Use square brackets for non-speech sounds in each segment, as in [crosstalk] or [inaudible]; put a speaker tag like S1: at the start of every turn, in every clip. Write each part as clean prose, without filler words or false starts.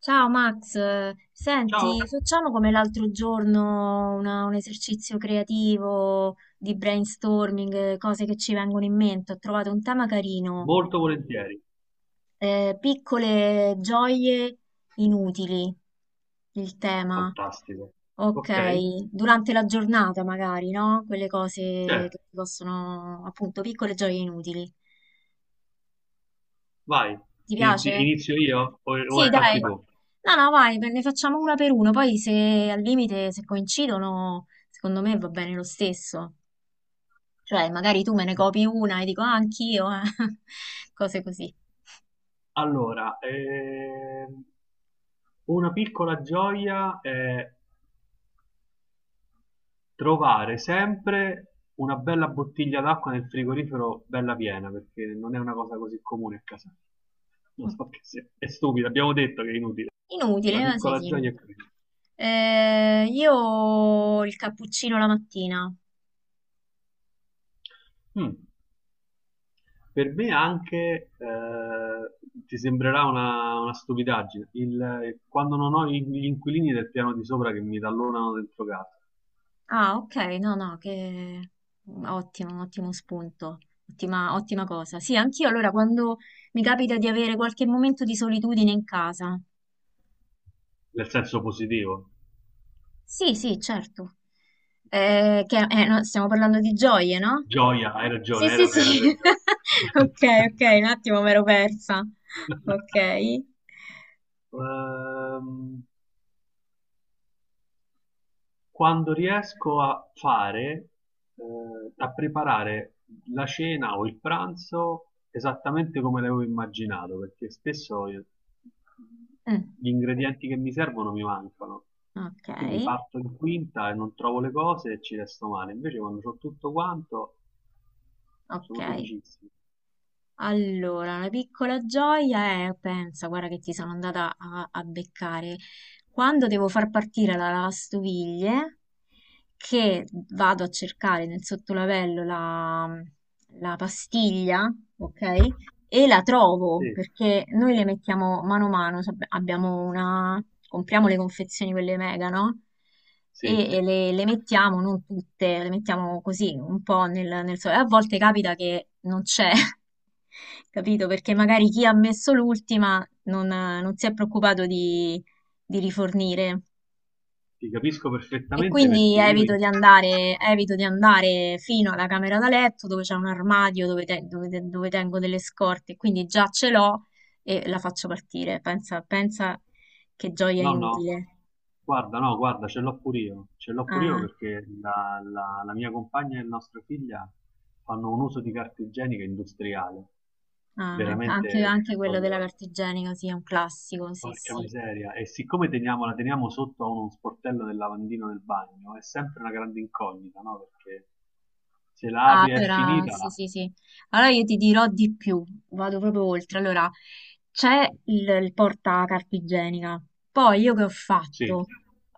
S1: Ciao Max, senti,
S2: Ciao,
S1: facciamo come l'altro giorno un esercizio creativo di brainstorming, cose che ci vengono in mente. Ho trovato un tema carino,
S2: molto volentieri.
S1: piccole gioie inutili, il tema.
S2: Fantastico.
S1: Ok,
S2: Ok,
S1: durante la giornata magari, no? Quelle cose che
S2: certo,
S1: ti possono, appunto, piccole gioie inutili.
S2: vai.
S1: Ti piace?
S2: Inizio io o
S1: Sì, dai.
S2: attacchi tu?
S1: No, no, vai, ne facciamo una per uno, poi se al limite, se coincidono, secondo me va bene lo stesso. Cioè, magari tu me ne copi una e dico, ah, anch'io, eh. [laughs] Cose così.
S2: Allora, una piccola gioia è trovare sempre una bella bottiglia d'acqua nel frigorifero bella piena, perché non è una cosa così comune a casa. Lo so che è stupido, abbiamo detto che è inutile. La
S1: Inutile, ma sì,
S2: piccola
S1: sì.
S2: gioia è quella.
S1: Io il cappuccino la mattina.
S2: Mm. Per me anche ti sembrerà una stupidaggine, quando non ho gli inquilini del piano di sopra che mi tallonano dentro casa,
S1: Ah, ok, no, no, che ottimo, ottimo spunto, ottima, ottima cosa. Sì, anch'io allora quando mi capita di avere qualche momento di solitudine in casa.
S2: nel senso positivo.
S1: Sì, sì, certo. No, stiamo parlando di gioie, no?
S2: Gioia, hai
S1: Sì,
S2: ragione, hai
S1: sì, sì.
S2: ragione, hai ragione.
S1: [laughs] Ok, ok, un attimo me l'ero persa. Ok.
S2: [laughs] Ehm, Quando riesco a fare, a preparare la cena o il pranzo esattamente come l'avevo immaginato, perché spesso
S1: Mm,
S2: gli ingredienti che mi servono mi mancano.
S1: ok,
S2: Quindi parto in quinta e non trovo le cose e ci resto male. Invece quando ho tutto quanto
S1: ok.
S2: sono felicissimo.
S1: Allora, una piccola gioia è, pensa, guarda che ti sono andata a, a beccare. Quando devo far partire la lavastoviglie, che vado a cercare nel sottolavello la, la pastiglia, ok? E la trovo
S2: Sì,
S1: perché noi le mettiamo mano a mano, abbiamo una, compriamo le confezioni quelle mega, no?
S2: sì,
S1: E le mettiamo, non tutte, le mettiamo così un po' nel, nel sole. A volte capita che non c'è, [laughs] capito? Perché magari chi ha messo l'ultima non, non si è preoccupato di rifornire.
S2: ti capisco
S1: E
S2: perfettamente
S1: quindi
S2: perché io in
S1: evito di andare fino alla camera da letto dove c'è un armadio dove tengo delle scorte, quindi già ce l'ho e la faccio partire. Pensa, pensa che gioia
S2: no, no,
S1: inutile.
S2: guarda, no, guarda, ce l'ho pure io, ce l'ho pure io
S1: Ah,
S2: perché la mia compagna e nostra figlia fanno un uso di carta igienica industriale,
S1: ah, anche,
S2: veramente
S1: anche quello della
S2: proprio,
S1: carta igienica, sì, è un classico, sì,
S2: porca
S1: sì.
S2: miseria, e siccome teniamo, la teniamo sotto a uno sportello del lavandino del bagno, è sempre una grande incognita, no? Perché se la
S1: Ah,
S2: apri è
S1: allora
S2: finita,
S1: sì, sì, sì. Allora io ti dirò di più, vado proprio oltre. Allora, c'è il porta carta igienica. Poi io che ho
S2: sì,
S1: fatto?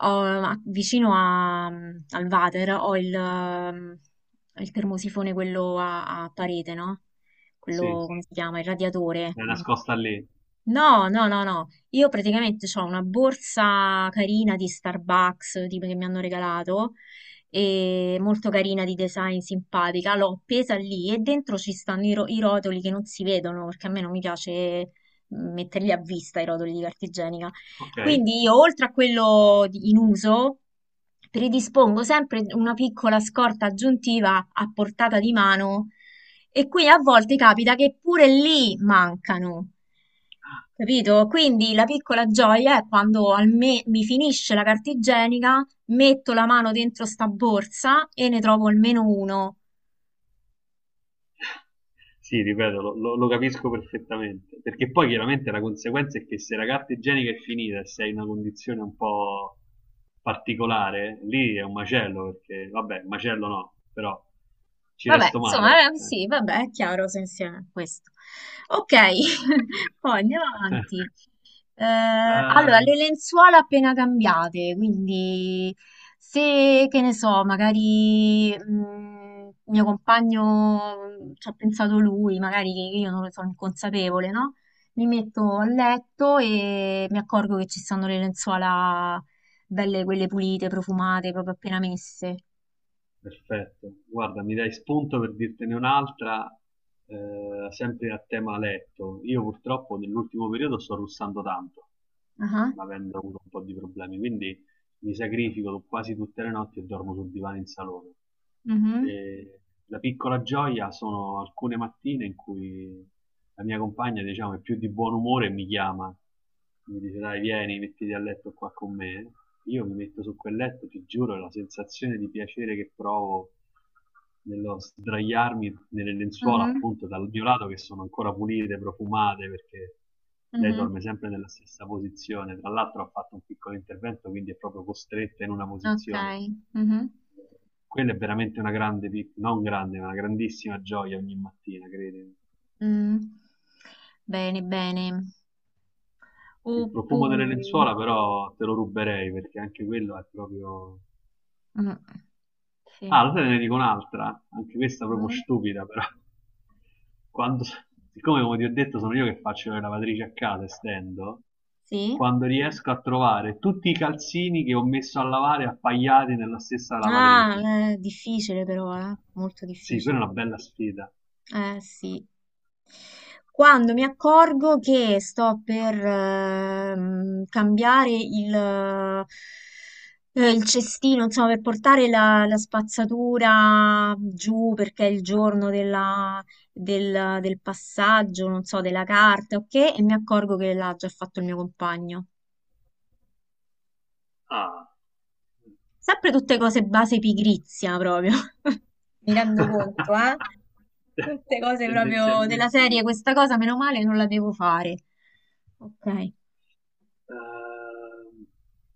S1: Vicino al water ho il termosifone, quello a, a parete, no? Quello,
S2: sì,
S1: come si chiama? Il radiatore.
S2: è
S1: Mm,
S2: nascosta lì,
S1: no, no, no, no. Io praticamente ho una borsa carina di Starbucks, tipo che mi hanno regalato, e molto carina di design, simpatica. L'ho appesa lì e dentro ci stanno i rotoli che non si vedono, perché a me non mi piace metterli a vista i rotoli di carta igienica.
S2: ok?
S1: Quindi io, oltre a quello in uso, predispongo sempre una piccola scorta aggiuntiva a portata di mano e qui a volte capita che pure lì mancano. Capito? Quindi la piccola gioia è quando mi finisce la carta igienica, metto la mano dentro sta borsa e ne trovo almeno uno.
S2: Sì, ripeto, lo capisco perfettamente. Perché poi chiaramente la conseguenza è che se la carta igienica è finita e sei in una condizione un po' particolare, lì è un macello, perché vabbè, macello no, però ci
S1: Vabbè,
S2: resto
S1: insomma,
S2: male.
S1: sì, vabbè, è chiaro se insieme questo. Ok, [laughs] poi andiamo avanti.
S2: [laughs]
S1: Allora,
S2: Ehm,
S1: le lenzuola appena cambiate, quindi se, che ne so, magari mio compagno ci ha pensato lui, magari che io non ne sono inconsapevole, no? Mi metto a letto e mi accorgo che ci stanno le lenzuola belle, quelle pulite, profumate, proprio appena messe.
S2: perfetto, guarda, mi dai spunto per dirtene un'altra, sempre a tema letto. Io purtroppo nell'ultimo periodo sto russando tanto,
S1: Ah,
S2: ma avendo avuto un po' di problemi, quindi mi sacrifico quasi tutte le notti e dormo sul divano in salone.
S1: mhm,
S2: E la piccola gioia sono alcune mattine in cui la mia compagna, diciamo, è più di buon umore e mi chiama, mi dice dai vieni, mettiti a letto qua con me. Io mi metto su quel letto, ti giuro, la sensazione di piacere che provo nello sdraiarmi nelle lenzuola
S1: mhm.
S2: appunto dal mio lato che sono ancora pulite, profumate perché lei
S1: Mhm,
S2: dorme sempre nella stessa posizione. Tra l'altro ha fatto un piccolo intervento, quindi è proprio costretta in una
S1: ok.
S2: posizione.
S1: Mhm,
S2: Quella è veramente una grande, non grande, ma una grandissima gioia ogni mattina, credimi.
S1: mm. Bene, bene.
S2: Il profumo delle
S1: Oppure...
S2: lenzuola però te lo ruberei perché anche quello è proprio
S1: Mm, sì.
S2: ah, lo sai, te ne dico un'altra, anche questa proprio
S1: Mm,
S2: stupida, però. Quando, siccome, come ti ho detto, sono io che faccio le lavatrici a casa e stendo,
S1: sì.
S2: quando riesco a trovare tutti i calzini che ho messo a lavare appaiati nella stessa lavatrice.
S1: Ah, è difficile però, eh? Molto
S2: Sì,
S1: difficile.
S2: quella è una bella sfida.
S1: Sì. Quando mi accorgo che sto per cambiare il cestino, insomma, per portare la, la spazzatura giù perché è il giorno del, del passaggio, non so, della carta, ok? E mi accorgo che l'ha già fatto il mio compagno.
S2: Ah,
S1: Sempre tutte cose base pigrizia, proprio. [laughs] Mi rendo conto, eh?
S2: [laughs]
S1: Tutte cose proprio della
S2: tendenzialmente
S1: serie,
S2: sì.
S1: questa cosa meno male non la devo fare. Ok.
S2: Ehm,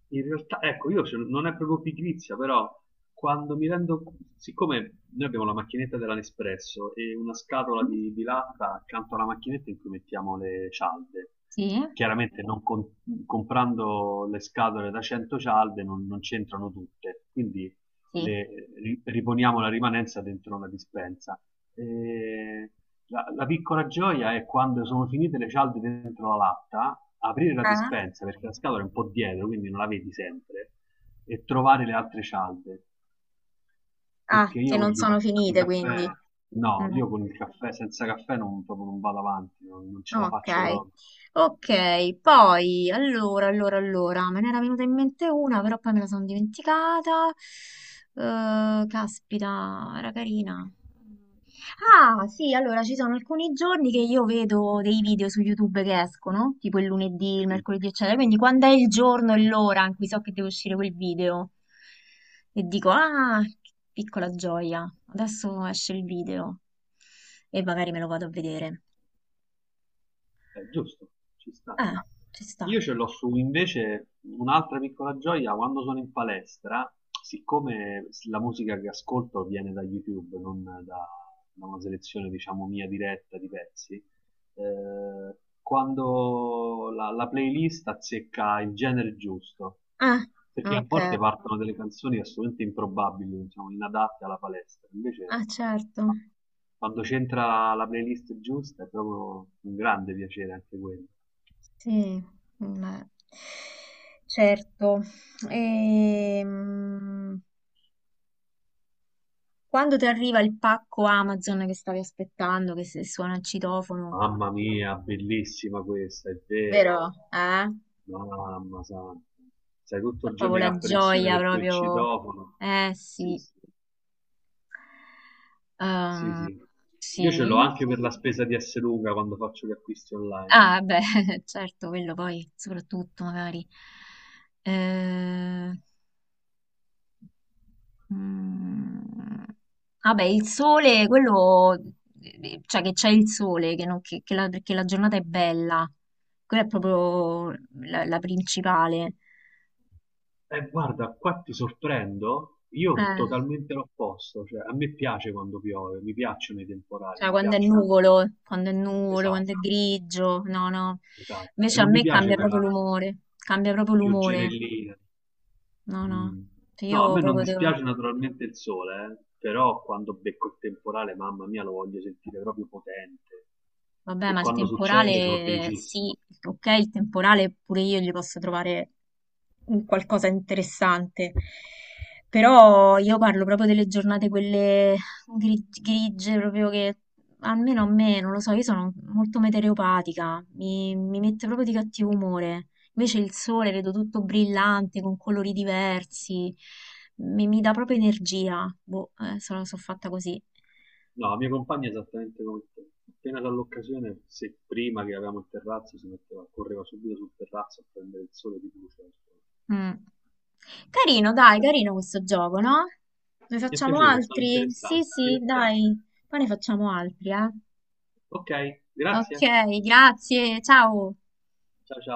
S2: in realtà, ecco, io non è proprio pigrizia, però quando mi rendo, siccome noi abbiamo la macchinetta della Nespresso e una scatola di latta accanto alla macchinetta in cui mettiamo le cialde,
S1: Sì,
S2: chiaramente non con- comprando le scatole da 100 cialde non, non c'entrano tutte, quindi
S1: sì.
S2: riponiamo la rimanenza dentro una dispensa. Eh, la piccola gioia è quando sono finite le cialde dentro la latta, aprire la
S1: Eh?
S2: dispensa perché la scatola è un po' dietro, quindi non la vedi sempre, e trovare le altre cialde.
S1: Ah,
S2: Perché
S1: che
S2: io
S1: non sono
S2: di
S1: finite quindi.
S2: caffè, no,
S1: Mm.
S2: io con il caffè, senza caffè non, proprio non vado avanti, non, non ce la
S1: Ok,
S2: faccio proprio.
S1: ok, poi allora, allora, allora, me ne era venuta in mente una, però poi me la sono dimenticata. Caspita, era carina. Ah, sì, allora ci sono alcuni giorni che io vedo dei video su YouTube che escono, tipo il lunedì, il
S2: Sì.
S1: mercoledì, eccetera. Quindi quando è il giorno e l'ora in cui so che deve uscire quel video e dico, ah, che piccola gioia, adesso esce il video e magari me lo vado a vedere.
S2: È giusto, ci sta.
S1: Eh, ci sta.
S2: Io ce l'ho su invece un'altra piccola gioia quando sono in palestra, siccome la musica che ascolto viene da YouTube, non da, da una selezione diciamo mia diretta di pezzi, eh, quando la playlist azzecca il genere giusto,
S1: Ah,
S2: perché a
S1: ok.
S2: volte partono delle canzoni assolutamente improbabili, diciamo, inadatte alla palestra, invece
S1: Ah, certo.
S2: quando c'entra la playlist giusta è proprio un grande piacere anche quello.
S1: Sì, ma- certo. Ehm, quando ti arriva il pacco Amazon che stavi aspettando, che suona il citofono,
S2: Mamma mia, bellissima questa, è
S1: vero?
S2: vero.
S1: Eh?
S2: Mamma santa. Sei tutto
S1: È
S2: il giorno
S1: proprio
S2: in
S1: la
S2: apprensione
S1: gioia,
S2: per quel
S1: proprio.
S2: citofono. Sì,
S1: Sì.
S2: sì. Sì,
S1: Ehm,
S2: sì. Io ce
S1: sì.
S2: l'ho anche per la spesa di Luca quando faccio gli acquisti online.
S1: Ah, beh, [laughs] certo, quello poi, soprattutto, magari. Eh, Mm, vabbè, il sole, quello, cioè che c'è il sole, che, che la giornata è bella, quella è proprio la, la principale.
S2: Guarda, qua ti sorprendo, io sono
S1: Eh,
S2: totalmente l'opposto, cioè a me piace quando piove, mi piacciono i temporali,
S1: cioè
S2: mi
S1: quando è
S2: piacciono i fiumi.
S1: nuvolo, quando è nuvolo, quando
S2: Esatto,
S1: è grigio, no, no.
S2: esatto. E
S1: Invece a
S2: non mi
S1: me
S2: piace quella
S1: cambia proprio l'umore,
S2: pioggerellina.
S1: no, no.
S2: Mm.
S1: Cioè,
S2: No, a
S1: io
S2: me non
S1: proprio devo...
S2: dispiace naturalmente il sole, però quando becco il temporale, mamma mia, lo voglio sentire proprio potente.
S1: Vabbè,
S2: E
S1: ma il
S2: quando succede sono
S1: temporale, sì,
S2: felicissimo.
S1: ok, il temporale pure io gli posso trovare un qualcosa di interessante, però io parlo proprio delle giornate quelle grigie, proprio che almeno a me, non lo so, io sono molto metereopatica, mi mette proprio di cattivo umore, invece il sole vedo tutto brillante, con colori diversi, mi dà proprio energia, boh, sono, sono fatta così.
S2: No, la mia compagna è esattamente come te. Appena dall'occasione, se prima che avevamo il terrazzo, si metteva, correva subito sul terrazzo a prendere il sole di luce.
S1: Mm. Carino, dai,
S2: Eh,
S1: carino questo gioco, no? Ne
S2: Mi è
S1: facciamo
S2: piaciuto, è stato
S1: altri? Sì,
S2: interessante,
S1: sì,
S2: divertente.
S1: dai, poi ne facciamo altri, eh.
S2: Ok,
S1: Ok,
S2: grazie.
S1: grazie, ciao.
S2: Ciao ciao.